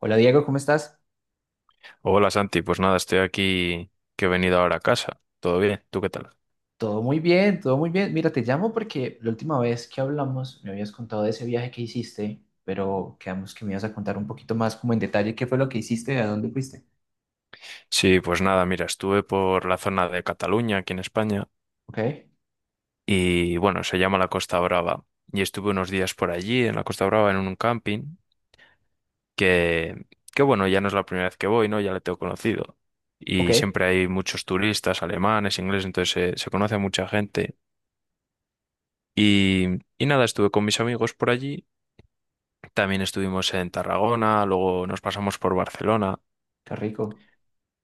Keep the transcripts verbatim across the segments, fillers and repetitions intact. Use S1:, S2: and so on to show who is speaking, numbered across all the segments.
S1: Hola Diego, ¿cómo estás?
S2: Hola Santi, pues nada, estoy aquí que he venido ahora a casa. ¿Todo bien? ¿Tú qué tal?
S1: Todo muy bien, todo muy bien. Mira, te llamo porque la última vez que hablamos me habías contado de ese viaje que hiciste, pero quedamos que me ibas a contar un poquito más como en detalle qué fue lo que hiciste, a dónde fuiste.
S2: Sí, pues nada, mira, estuve por la zona de Cataluña, aquí en España,
S1: Ok,
S2: y bueno, se llama la Costa Brava. Y estuve unos días por allí, en la Costa Brava, en un camping, que, que bueno, ya no es la primera vez que voy, ¿no? Ya le tengo conocido.
S1: ok,
S2: Y
S1: qué
S2: siempre hay muchos turistas, alemanes, ingleses, entonces se, se conoce a mucha gente. Y, y nada, estuve con mis amigos por allí. También estuvimos en Tarragona, luego nos pasamos por Barcelona.
S1: rico.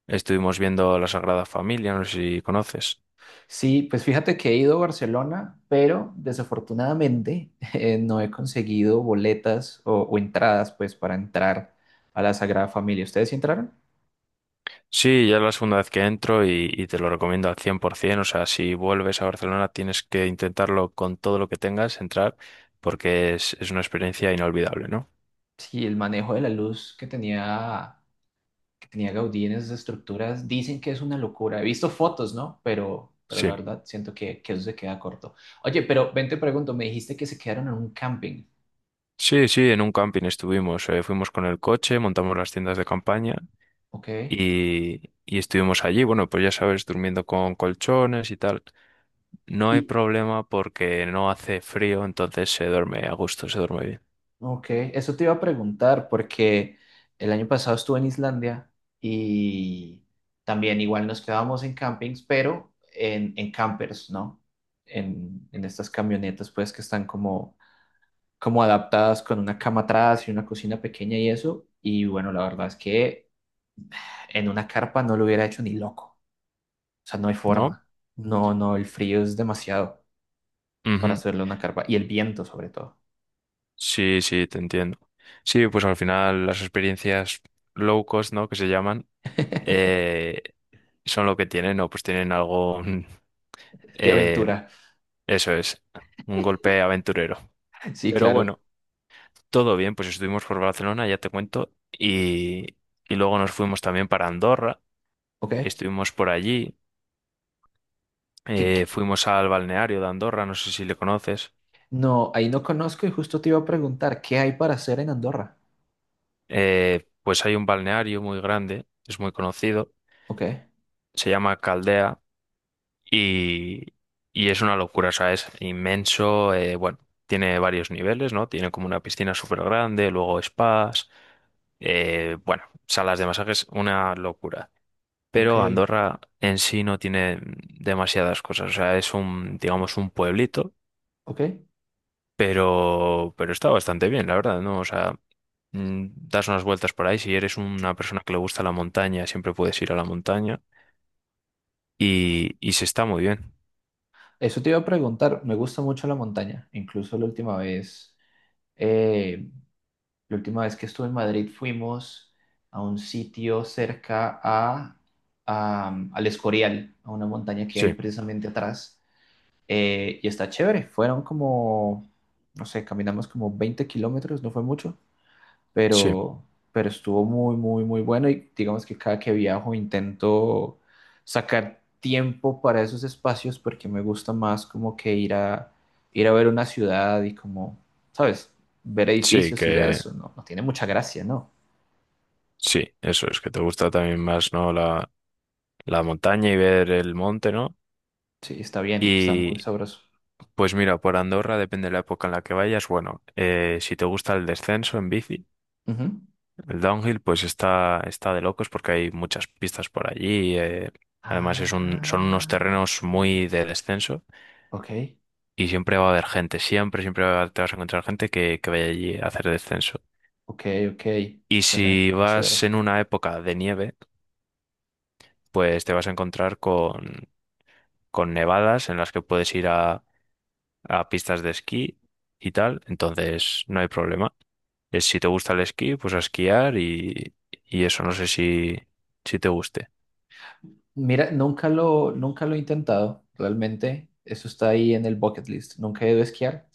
S2: Estuvimos viendo La Sagrada Familia, no sé si conoces.
S1: Sí, pues fíjate que he ido a Barcelona, pero desafortunadamente eh, no he conseguido boletas o, o entradas pues para entrar a la Sagrada Familia. ¿Ustedes sí entraron?
S2: Sí, ya es la segunda vez que entro y, y te lo recomiendo al cien por ciento. O sea, si vuelves a Barcelona tienes que intentarlo con todo lo que tengas, entrar, porque es, es una experiencia inolvidable, ¿no?
S1: Sí, el manejo de la luz que tenía que tenía Gaudí en esas estructuras, dicen que es una locura. He visto fotos, ¿no? Pero, pero la
S2: Sí.
S1: verdad siento que, que eso se queda corto. Oye, pero ven, te pregunto, me dijiste que se quedaron en un camping.
S2: Sí, sí, en un camping estuvimos. Eh, fuimos con el coche, montamos las tiendas de campaña
S1: ¿Ok?
S2: y, y estuvimos allí. Bueno, pues ya sabes, durmiendo con colchones y tal. No hay
S1: Y,
S2: problema porque no hace frío, entonces se duerme a gusto, se duerme bien,
S1: ok, eso te iba a preguntar porque el año pasado estuve en Islandia y también igual nos quedábamos en campings, pero en, en campers, ¿no? En, en estas camionetas, pues, que están como como adaptadas con una cama atrás y una cocina pequeña y eso. Y bueno, la verdad es que en una carpa no lo hubiera hecho ni loco. O sea, no hay
S2: ¿no?
S1: forma. No, no, el frío es demasiado para
S2: Ujú.
S1: hacerle una carpa. Y el viento, sobre todo.
S2: Sí, sí, te entiendo. Sí, pues al final las experiencias low cost, ¿no? Que se llaman, eh, son lo que tienen, ¿no? Pues tienen algo, mm,
S1: De
S2: eh,
S1: aventura.
S2: eso es, un golpe aventurero.
S1: Sí,
S2: Pero
S1: claro.
S2: bueno, todo bien, pues estuvimos por Barcelona, ya te cuento, y, y luego nos fuimos también para Andorra,
S1: Ok.
S2: estuvimos por allí,
S1: ¿Qué- qué?
S2: eh, fuimos al balneario de Andorra, no sé si le conoces.
S1: No, ahí no conozco y justo te iba a preguntar, ¿qué hay para hacer en Andorra?
S2: Eh, pues hay un balneario muy grande, es muy conocido,
S1: Ok,
S2: se llama Caldea. Y, y es una locura, o sea, es inmenso. Eh, bueno, tiene varios niveles, ¿no? Tiene como una piscina súper grande, luego spas, eh, bueno, salas de masajes, una locura.
S1: ok,
S2: Pero Andorra en sí no tiene demasiadas cosas, o sea, es un, digamos, un pueblito,
S1: ok.
S2: pero, pero está bastante bien, la verdad, ¿no? O sea, mm, das unas vueltas por ahí, si eres una persona que le gusta la montaña, siempre puedes ir a la montaña y, y se está muy bien.
S1: Eso te iba a preguntar. Me gusta mucho la montaña. Incluso la última vez, eh, la última vez que estuve en Madrid fuimos a un sitio cerca a, a- al Escorial, a una montaña que hay
S2: Sí,
S1: precisamente atrás. Eh, y está chévere. Fueron como, no sé, caminamos como veinte kilómetros, no fue mucho
S2: sí,
S1: pero, pero estuvo muy, muy, muy bueno y digamos que cada que viajo intento sacar tiempo para esos espacios porque me gusta más como que ir a, ir a ver una ciudad y como, ¿sabes? Ver
S2: sí,
S1: edificios y ya
S2: que...
S1: eso, no, no tiene mucha gracia, ¿no?
S2: Sí, eso es, que te gusta también más, ¿no? La, la montaña y ver el monte, ¿no?
S1: Sí, está bien, está muy
S2: Y
S1: sabroso.
S2: pues mira, por Andorra, depende de la época en la que vayas, bueno, eh, si te gusta el descenso en bici,
S1: Ujú.
S2: el downhill, pues está, está de locos porque hay muchas pistas por allí. Eh, además, es un, son unos
S1: Ah,
S2: terrenos muy de descenso
S1: ok,
S2: y siempre va a haber gente, siempre, siempre va- a- te vas a encontrar gente que, que vaya allí a hacer descenso.
S1: ok, ok,
S2: Y
S1: suena
S2: si vas
S1: chévere.
S2: en una época de nieve, pues te vas a encontrar con con nevadas en las que puedes ir a, a pistas de esquí y tal, entonces no hay problema. Es si te gusta el esquí, pues a esquiar y, y eso no sé si, si te guste.
S1: Mira, nunca lo, nunca lo he intentado, realmente. Eso está ahí en el bucket list. Nunca he ido a esquiar.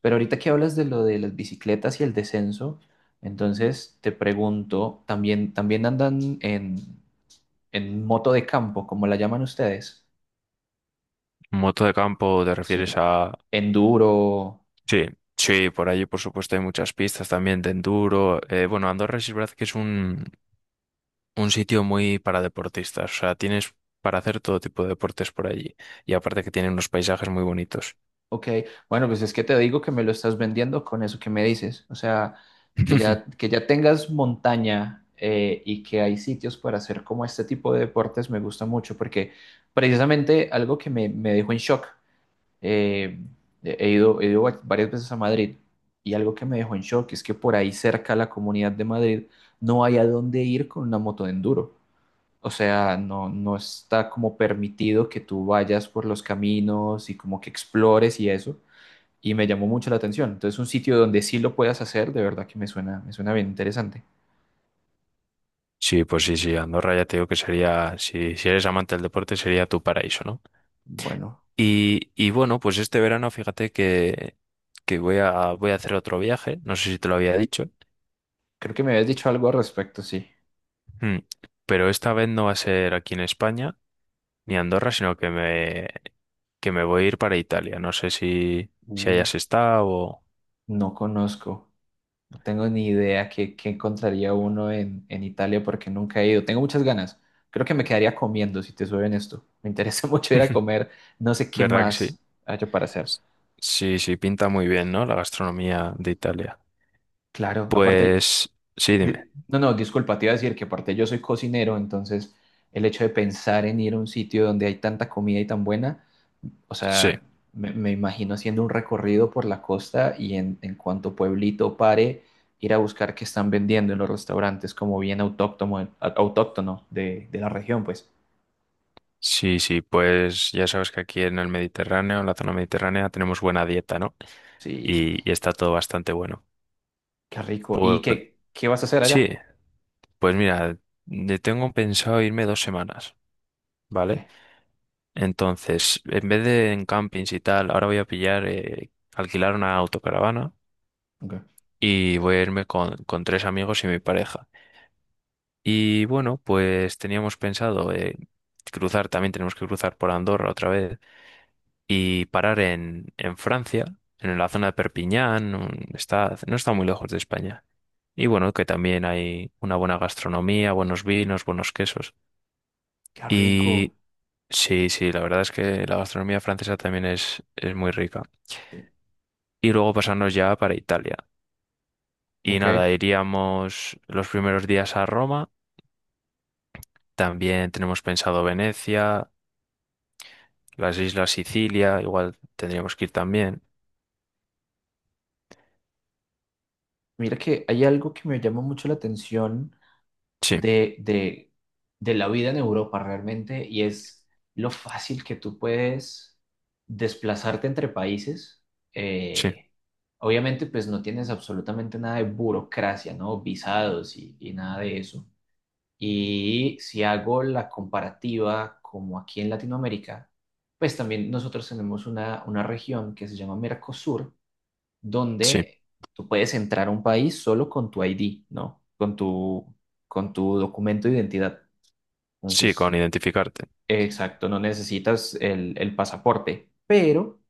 S1: Pero ahorita que hablas de lo de las bicicletas y el descenso, entonces te pregunto, ¿también, también andan en, en moto de campo, como la llaman ustedes?
S2: Moto de campo, ¿te refieres
S1: Sí.
S2: a...?
S1: Enduro,
S2: Sí, sí, por allí por supuesto hay muchas pistas también de enduro. Eh, bueno, Andorra sí es verdad que es un, un sitio muy para deportistas, o sea, tienes para hacer todo tipo de deportes por allí y aparte que tiene unos paisajes muy bonitos.
S1: ok, bueno, pues es que te digo que me lo estás vendiendo con eso que me dices. O sea, que ya, que ya tengas montaña eh, y que hay sitios para hacer como este tipo de deportes me gusta mucho porque precisamente algo que me, me dejó en shock, eh, he ido, he ido va- varias veces a Madrid y algo que me dejó en shock es que por ahí cerca a la Comunidad de Madrid no hay a dónde ir con una moto de enduro. O sea, no, no está como permitido que tú vayas por los caminos y como que explores y eso y me llamó mucho la atención. Entonces, un sitio donde sí lo puedas hacer, de verdad que me suena, me suena bien interesante.
S2: Sí, pues sí, sí, Andorra ya te digo que sería, si, si eres amante del deporte, sería tu paraíso, ¿no?
S1: Bueno,
S2: Y, y bueno, pues este verano fíjate que, que voy a, voy a hacer otro viaje, no sé si te lo había dicho.
S1: creo que me habías dicho algo al respecto, sí.
S2: Mm. Pero esta vez no va a ser aquí en España ni Andorra, sino que me, que me voy a ir para Italia, no sé si, si
S1: Mm.
S2: hayas estado o...
S1: No conozco, no tengo ni idea qué, qué encontraría uno en, en Italia porque nunca he ido. Tengo muchas ganas. Creo que me quedaría comiendo, si te soy esto. Me interesa mucho ir a comer. No sé qué
S2: ¿Verdad que sí?
S1: más haya para hacer.
S2: S- Sí, sí, pinta muy bien, ¿no? La gastronomía de Italia.
S1: Claro, aparte,
S2: Pues sí, dime.
S1: di- no, no, disculpa, te iba a decir que aparte yo soy cocinero, entonces el hecho de pensar en ir a un sitio donde hay tanta comida y tan buena o
S2: Sí.
S1: sea, me, me imagino haciendo un recorrido por la costa y en, en cuanto pueblito pare, ir a buscar qué están vendiendo en los restaurantes como bien autóctono, autóctono de, de la región, pues.
S2: Sí, sí, pues ya sabes que aquí en el Mediterráneo, en la zona mediterránea, tenemos buena dieta, ¿no?
S1: Sí,
S2: Y, y está todo bastante bueno.
S1: qué rico. ¿Y
S2: Pues
S1: qué, qué vas a hacer
S2: sí,
S1: allá?
S2: pues mira, de- tengo pensado irme dos semanas,
S1: Ok,
S2: ¿vale? Entonces, en vez de en campings y tal, ahora voy a pillar, eh, alquilar una autocaravana
S1: ok.
S2: y voy a irme con, con tres amigos y mi pareja. Y bueno, pues teníamos pensado eh, cruzar, también tenemos que cruzar por Andorra otra vez y parar en, en Francia, en la zona de Perpiñán, un- está, no está muy lejos de España. Y bueno, que también hay una buena gastronomía, buenos vinos, buenos quesos.
S1: Qué rico.
S2: Y sí, sí, la verdad es que la gastronomía francesa también es, es muy rica.
S1: Sí.
S2: Y luego pasarnos ya para Italia. Y nada,
S1: Ok.
S2: iríamos los primeros días a Roma. También tenemos pensado Venecia, las islas Sicilia, igual tendríamos que ir también.
S1: Mira que hay algo que me llama mucho la atención
S2: Sí,
S1: de, de, de la vida en Europa realmente y es lo fácil que tú puedes desplazarte entre países.
S2: sí,
S1: Eh, obviamente, pues no tienes absolutamente nada de burocracia, ¿no? Visados y, y nada de eso. Y si hago la comparativa como aquí en Latinoamérica, pues también nosotros tenemos una, una región que se llama Mercosur
S2: sí,
S1: donde tú puedes entrar a un país solo con tu I D, ¿no? Con tu, con tu documento de identidad.
S2: sí, con
S1: Entonces,
S2: identificarte.
S1: exacto, no necesitas el, el pasaporte. Pero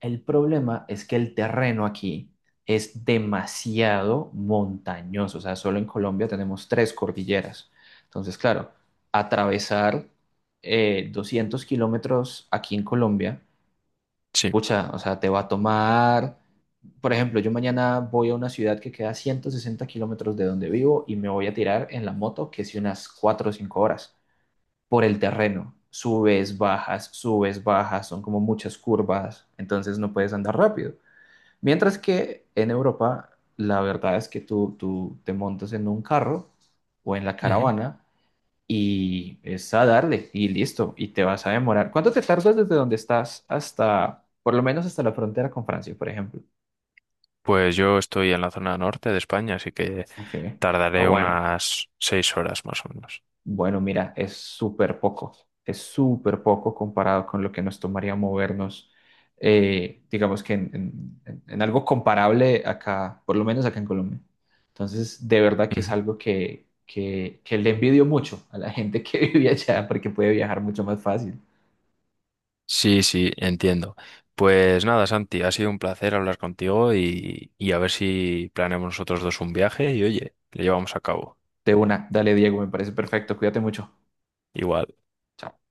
S1: el problema es que el terreno aquí es demasiado montañoso. O sea, solo en Colombia tenemos tres cordilleras. Entonces, claro, atravesar eh, doscientos kilómetros aquí en Colombia,
S2: Sí.
S1: pucha, o sea, te va a tomar por ejemplo, yo mañana voy a una ciudad que queda ciento sesenta kilómetros de donde vivo y me voy a tirar en la moto, que es unas cuatro o cinco horas, por el terreno. Subes, bajas, subes, bajas, son como muchas curvas, entonces no puedes andar rápido. Mientras que en Europa, la verdad es que tú, tú te montas en un carro o en la caravana y es a darle y listo, y te vas a demorar. ¿Cuánto te tardas desde donde estás hasta, por lo menos hasta la frontera con Francia, por ejemplo?
S2: Pues yo estoy en la zona norte de España, así que
S1: Ok, ah,
S2: tardaré
S1: bueno.
S2: unas seis horas más o menos.
S1: Bueno, mira, es súper poco, es súper poco comparado con lo que nos tomaría movernos, eh, digamos que en, en- en en algo comparable acá, por lo menos acá en Colombia. Entonces, de verdad que es
S2: Ujú.
S1: algo que, que, que le envidio mucho a la gente que vive allá porque puede viajar mucho más fácil.
S2: Sí, sí, entiendo. Pues nada, Santi, ha sido un placer hablar contigo y, y a ver si planeamos nosotros dos un viaje y oye, lo llevamos a cabo.
S1: De una, dale Diego, me parece perfecto, cuídate mucho.
S2: Igual.
S1: Chao.